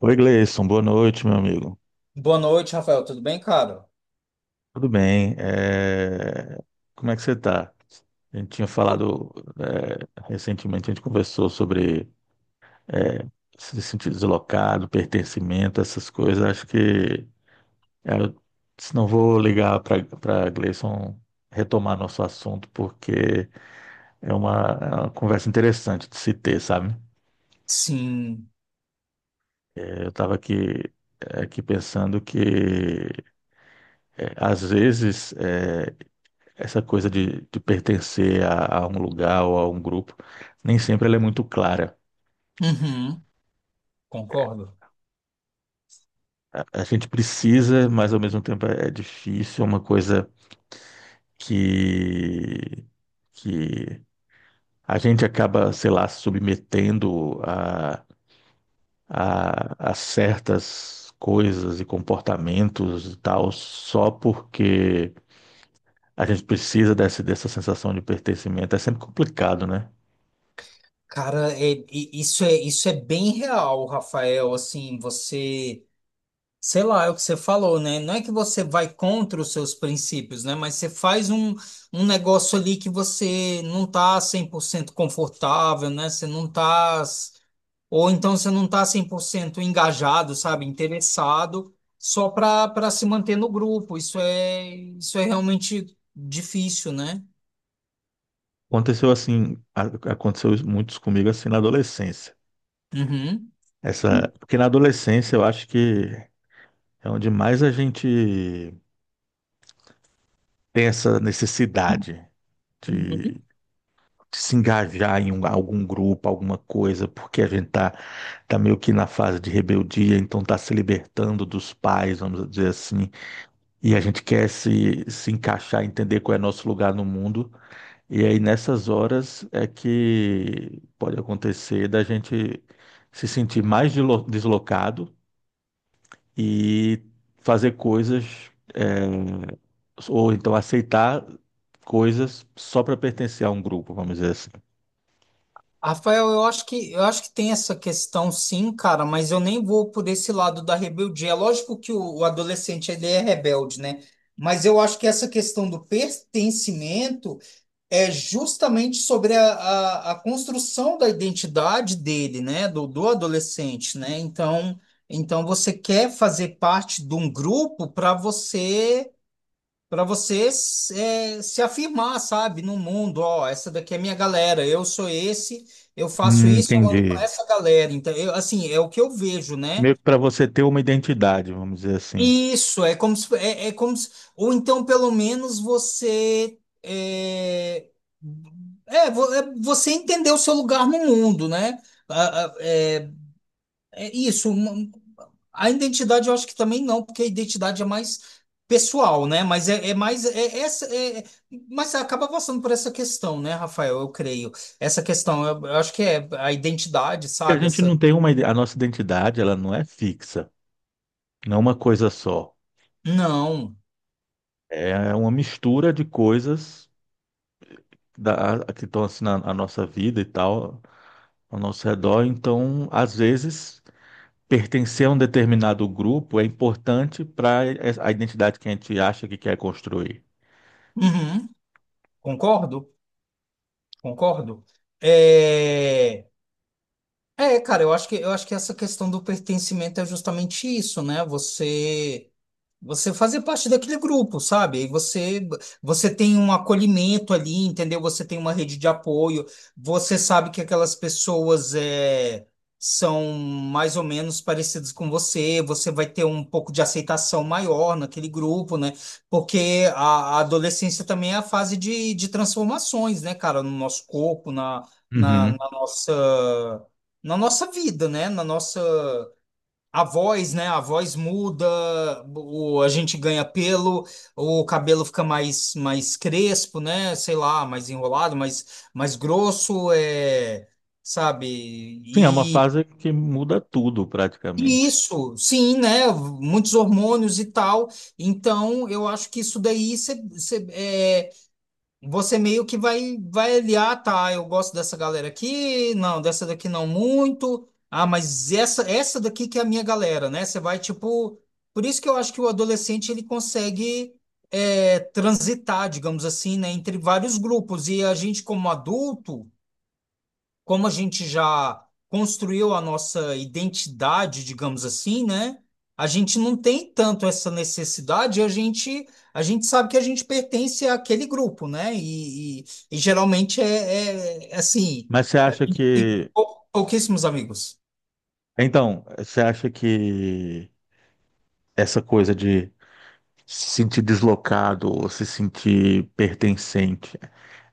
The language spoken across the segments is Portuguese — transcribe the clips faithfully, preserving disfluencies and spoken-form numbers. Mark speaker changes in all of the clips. Speaker 1: Oi, Gleison, boa noite, meu amigo.
Speaker 2: Boa noite, Rafael. Tudo bem, cara?
Speaker 1: Tudo bem? é, Como é que você está? A gente tinha
Speaker 2: Oh.
Speaker 1: falado é, recentemente, a gente conversou sobre é, se sentir deslocado, pertencimento, essas coisas. Acho que é, se não vou ligar para para Gleison retomar nosso assunto, porque é uma, é uma conversa interessante de se ter, sabe?
Speaker 2: Sim.
Speaker 1: É, Eu estava aqui, é, aqui pensando que é, às vezes. é, essa coisa de, de pertencer a, a um lugar ou a um grupo, nem sempre ela é muito clara.
Speaker 2: Uhum. Concordo.
Speaker 1: A gente precisa, mas ao mesmo tempo é é difícil, é uma coisa que, que a gente acaba, sei lá, submetendo a, a, a certas coisas e comportamentos e tal, só porque a gente precisa dessa, dessa sensação de pertencimento. É sempre complicado, né?
Speaker 2: Cara, é- e- isso é, isso é bem real, Rafael. Assim, você, sei lá, é o que você falou, né? Não é que você vai contra os seus princípios, né? Mas você faz um, um negócio ali que você não tá cem por cento confortável, né? Você não tá. Ou então você não está cem por cento engajado, sabe, interessado, só para para se manter no grupo. Isso é isso é realmente difícil, né?
Speaker 1: Aconteceu assim, a- aconteceu isso- muitos comigo assim na adolescência.
Speaker 2: Uhum.
Speaker 1: Essa, porque na adolescência eu acho que é onde mais a gente tem essa necessidade de, de se engajar em um- algum grupo, alguma coisa, porque a gente tá, tá meio que na fase de rebeldia, então tá se libertando dos pais, vamos dizer assim, e a gente quer se, se encaixar, entender qual é nosso lugar no mundo. E aí nessas horas é que pode acontecer da gente se sentir mais dilo- deslocado e fazer coisas, é, ou então aceitar coisas só para pertencer a um grupo, vamos dizer assim.
Speaker 2: Rafael, eu acho que eu acho que tem essa questão sim, cara, mas eu nem vou por esse lado da rebeldia. É lógico que o, o adolescente ele é rebelde, né? Mas eu acho que essa questão do pertencimento é justamente sobre a, a, a construção da identidade dele, né, do, do adolescente, né? Então, então você quer fazer parte de um grupo para você para você se é, se afirmar, sabe, no mundo, ó, essa daqui é minha galera, eu sou esse, eu faço
Speaker 1: Hum,
Speaker 2: isso, eu ando com
Speaker 1: entendi.
Speaker 2: essa galera. Então, eu, assim, é o que eu vejo, né?
Speaker 1: Meio que para você ter uma identidade, vamos dizer assim.
Speaker 2: Isso, é como se, é, é como se, ou então pelo menos você é, é, vo- é, você entendeu o seu lugar no mundo, né? A- a- É, é isso, uma- a identidade eu acho que também não, porque a identidade é mais pessoal, né? Mas é, é mais é, essa, é, é- Mas acaba passando por essa questão, né, Rafael? Eu creio. Essa questão, eu, eu acho que é a identidade,
Speaker 1: E a
Speaker 2: sabe?
Speaker 1: gente
Speaker 2: Essa,
Speaker 1: não tem uma, ide- a nossa identidade, ela não é fixa, não é uma coisa só.
Speaker 2: não.
Speaker 1: É uma mistura de coisas da, que estão assim na, na nossa vida e tal, ao nosso redor. Então, às vezes, pertencer a um determinado grupo é importante para a identidade que a gente acha que quer construir.
Speaker 2: Uhum. Concordo, concordo. É... É, cara, eu acho que eu acho que essa questão do pertencimento é justamente isso, né? Você você fazer parte daquele grupo, sabe? Aí você você tem um acolhimento ali, entendeu? Você tem uma rede de apoio. Você sabe que aquelas pessoas é, são mais ou menos parecidas com você. Você vai ter um pouco de aceitação maior naquele grupo, né? Porque a, a adolescência também é a fase de, de transformações, né, cara? No nosso corpo, na, na,
Speaker 1: Uhum.
Speaker 2: na nossa na nossa vida, né? Na nossa a voz, né? A voz muda, o, a gente ganha pelo, o cabelo fica mais, mais crespo, né? Sei lá, mais enrolado, mais, mais grosso, é, sabe?
Speaker 1: Sim, é uma
Speaker 2: E,
Speaker 1: fase que muda tudo
Speaker 2: e
Speaker 1: praticamente.
Speaker 2: isso, sim, né? Muitos hormônios e tal. Então, eu acho que isso daí você você meio que vai, vai aliar, tá? Eu gosto dessa galera aqui, não, dessa daqui não muito. Ah, mas essa, essa daqui que é a minha galera, né? Você vai tipo. Por isso que eu acho que o adolescente ele consegue é, transitar, digamos assim, né, entre vários grupos. E a gente, como adulto, como a gente já construiu a nossa identidade, digamos assim, né? A gente não tem tanto essa necessidade, a gente, a gente sabe que a gente pertence àquele grupo, né? E, e- e geralmente é, é é assim,
Speaker 1: Mas você
Speaker 2: a
Speaker 1: acha
Speaker 2: gente tem
Speaker 1: que.
Speaker 2: pou- pouquíssimos amigos.
Speaker 1: Então, você acha que essa coisa de se sentir deslocado ou se sentir pertencente,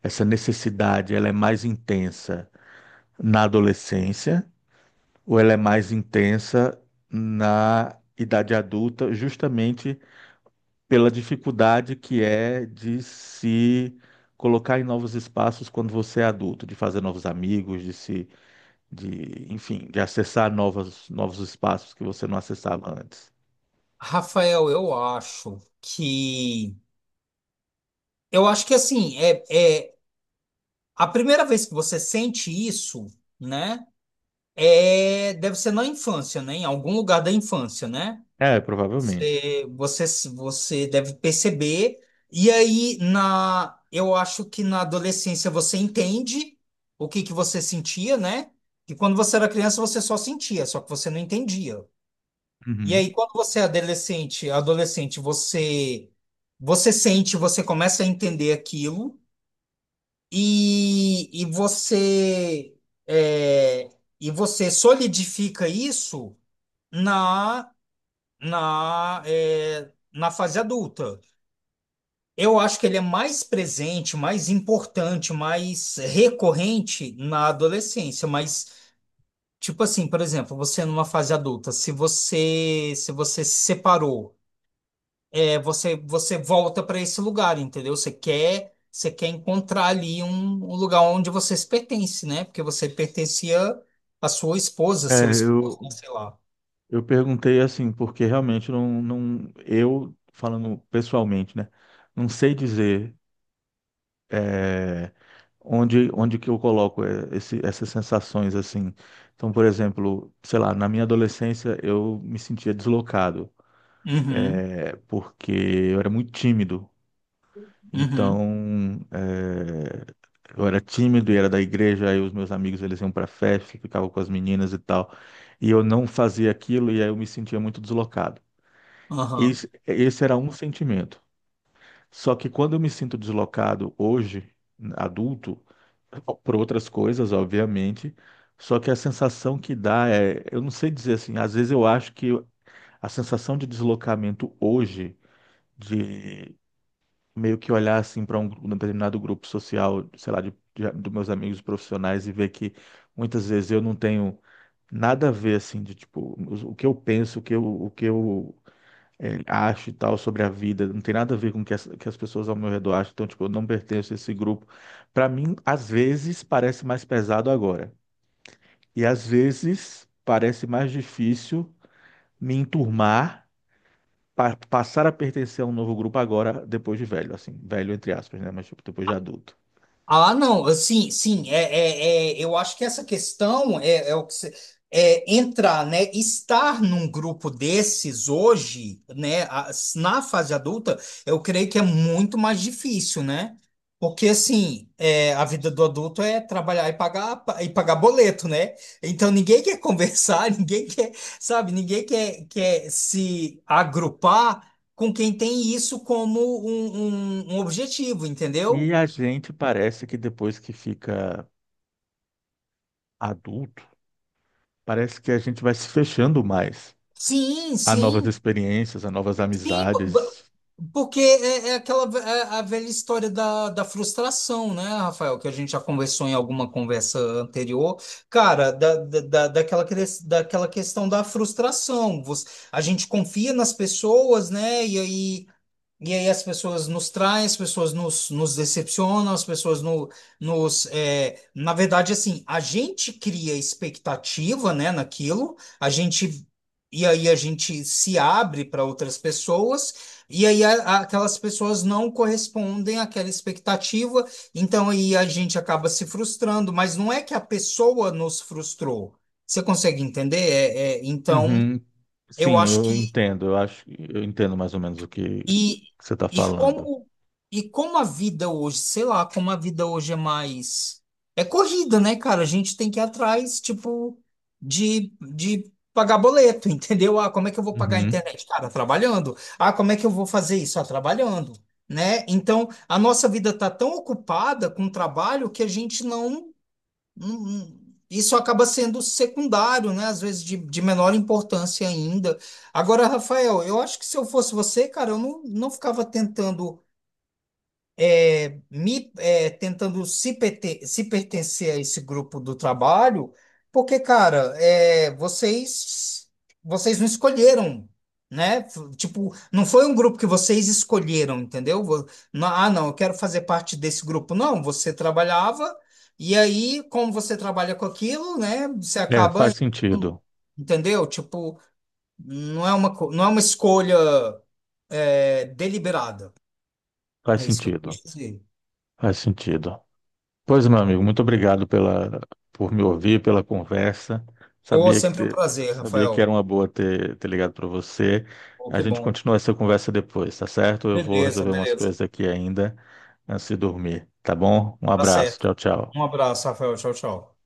Speaker 1: essa necessidade, ela é mais intensa na adolescência? Ou ela é mais intensa na idade adulta, justamente pela dificuldade que é de se colocar em novos espaços quando você é adulto, de fazer novos amigos, de se, de, enfim, de acessar novos, novos espaços que você não acessava antes.
Speaker 2: Rafael, eu acho que. Eu acho que assim, é, é a primeira vez que você sente isso, né? É, deve ser na infância, né? Em algum lugar da infância, né?
Speaker 1: É, provavelmente.
Speaker 2: Você, você, você deve perceber. E aí, na, eu acho que na adolescência você entende o que que você sentia, né? E quando você era criança, você só sentia, só que você não entendia. E
Speaker 1: Uhum.
Speaker 2: aí, quando você é adolescente, adolescente, você, você sente, você começa a entender aquilo e, e você, é, e você solidifica isso na, na, é, na fase adulta. Eu acho que ele é mais presente, mais importante, mais recorrente na adolescência, mas tipo assim, por exemplo, você numa fase adulta, se você se você se separou, é, você você volta para esse lugar, entendeu? Você quer você quer encontrar ali um, um lugar onde você se pertence, né? Porque você pertencia à sua esposa,
Speaker 1: É,
Speaker 2: seu esposo,
Speaker 1: eu,
Speaker 2: sei lá.
Speaker 1: eu perguntei assim, porque realmente não, não, eu, falando pessoalmente, né, não sei dizer. é, Onde, onde que eu coloco é, esse- essas sensações assim? Então, por exemplo, sei lá, na minha adolescência eu me sentia deslocado,
Speaker 2: Uhum,
Speaker 1: é, porque eu era muito tímido.
Speaker 2: uhum,
Speaker 1: Então, é, eu era tímido e era da igreja, aí os meus amigos eles iam para festa, ficavam com as meninas e tal, e eu não fazia aquilo e aí eu me sentia muito deslocado.
Speaker 2: aham.
Speaker 1: Esse, esse era um sentimento. Só que quando eu me sinto deslocado hoje, adulto, por outras coisas, obviamente, só que a sensação que dá é, eu não sei dizer assim, às vezes eu acho que a sensação de deslocamento hoje, de meio que olhar assim para um, um determinado grupo social, sei lá, de, de, dos meus amigos profissionais e ver que muitas vezes eu não tenho nada a ver assim de tipo os- o que eu penso, o que eu, o que eu é, acho e tal sobre a vida, não tem nada a ver com o que as, que as pessoas ao meu redor acham, então, tipo, eu não pertenço a esse grupo. Para mim, às vezes, parece mais pesado agora, e às vezes, parece mais difícil me enturmar, pa passar a pertencer a um novo grupo agora, depois de velho, assim, velho entre aspas, né, mas tipo, depois de adulto.
Speaker 2: Ah, não, assim, sim, é, é, é, eu acho que essa questão é, é o que você, é entrar, né, estar num grupo desses hoje, né, a- na fase adulta, eu creio que é muito mais difícil, né? Porque assim, é, a vida do adulto é trabalhar e pagar e pagar boleto, né? Então ninguém quer conversar, ninguém quer, sabe, ninguém quer, quer se agrupar com quem tem isso como um um- um objetivo, entendeu?
Speaker 1: E a gente parece que depois que fica adulto, parece que a gente vai se fechando mais
Speaker 2: Sim,
Speaker 1: a novas
Speaker 2: sim,
Speaker 1: experiências, a novas
Speaker 2: sim, po- bo-
Speaker 1: amizades.
Speaker 2: porque é, é aquela ve- é a velha história da, da frustração, né, Rafael, que a gente já conversou em alguma conversa anterior, cara, da, da, da- daquela, cres- daquela questão da frustração. Você- a gente confia nas pessoas, né, e aí e aí as pessoas nos traem, as pessoas nos, nos decepcionam, as pessoas no, nos... é, na verdade, assim, a gente cria expectativa, né, naquilo, a gente... E aí a gente se abre para outras pessoas, e aí a- a- aquelas pessoas não correspondem àquela expectativa, então aí a gente acaba se frustrando, mas não é que a pessoa nos frustrou. Você consegue entender? É, é, então,
Speaker 1: Uhum.
Speaker 2: eu
Speaker 1: Sim,
Speaker 2: acho
Speaker 1: eu
Speaker 2: que
Speaker 1: entendo. Eu acho, eu entendo mais ou menos o que
Speaker 2: e,
Speaker 1: que você está
Speaker 2: e
Speaker 1: falando.
Speaker 2: como e como a vida hoje, sei lá, como a vida hoje é mais é corrida, né, cara? A gente tem que ir atrás, tipo, de, de pagar boleto, entendeu? Ah, como é que eu vou pagar a
Speaker 1: Uhum.
Speaker 2: internet? Cara, trabalhando. Ah, como é que eu vou fazer isso? Ah, trabalhando, né? Então, a nossa vida tá tão ocupada com trabalho que a gente não Hum, isso acaba sendo secundário, né? Às vezes de, de menor importância ainda. Agora, Rafael, eu acho que se eu fosse você, cara, eu não, não ficava tentando me é, tentando se, perte- se pertencer a esse grupo do trabalho, porque, cara, é, vocês vocês não escolheram, né? F- Tipo, não foi um grupo que vocês escolheram, entendeu? Vo- não- Ah, não, eu quero fazer parte desse grupo. Não, você trabalhava, e aí, como você trabalha com aquilo, né? Você
Speaker 1: É,
Speaker 2: acaba,
Speaker 1: faz sentido.
Speaker 2: entendeu? Tipo, não é uma, co- não é uma escolha é, deliberada.
Speaker 1: Faz
Speaker 2: É isso que eu
Speaker 1: sentido.
Speaker 2: quis dizer.
Speaker 1: Faz sentido. Pois, meu amigo, muito obrigado pela, por me ouvir, pela conversa.
Speaker 2: Oh,
Speaker 1: Sabia que,
Speaker 2: sempre um
Speaker 1: te-
Speaker 2: prazer,
Speaker 1: sabia que era
Speaker 2: Rafael.
Speaker 1: uma boa ter, ter ligado para você.
Speaker 2: Oh,
Speaker 1: A
Speaker 2: que
Speaker 1: gente
Speaker 2: bom.
Speaker 1: continua essa conversa depois, tá certo? Eu vou
Speaker 2: Beleza,
Speaker 1: resolver umas
Speaker 2: beleza.
Speaker 1: coisas aqui ainda antes de dormir, tá bom? Um
Speaker 2: Tá
Speaker 1: abraço.
Speaker 2: certo.
Speaker 1: Tchau, tchau.
Speaker 2: Um abraço, Rafael. Tchau, tchau.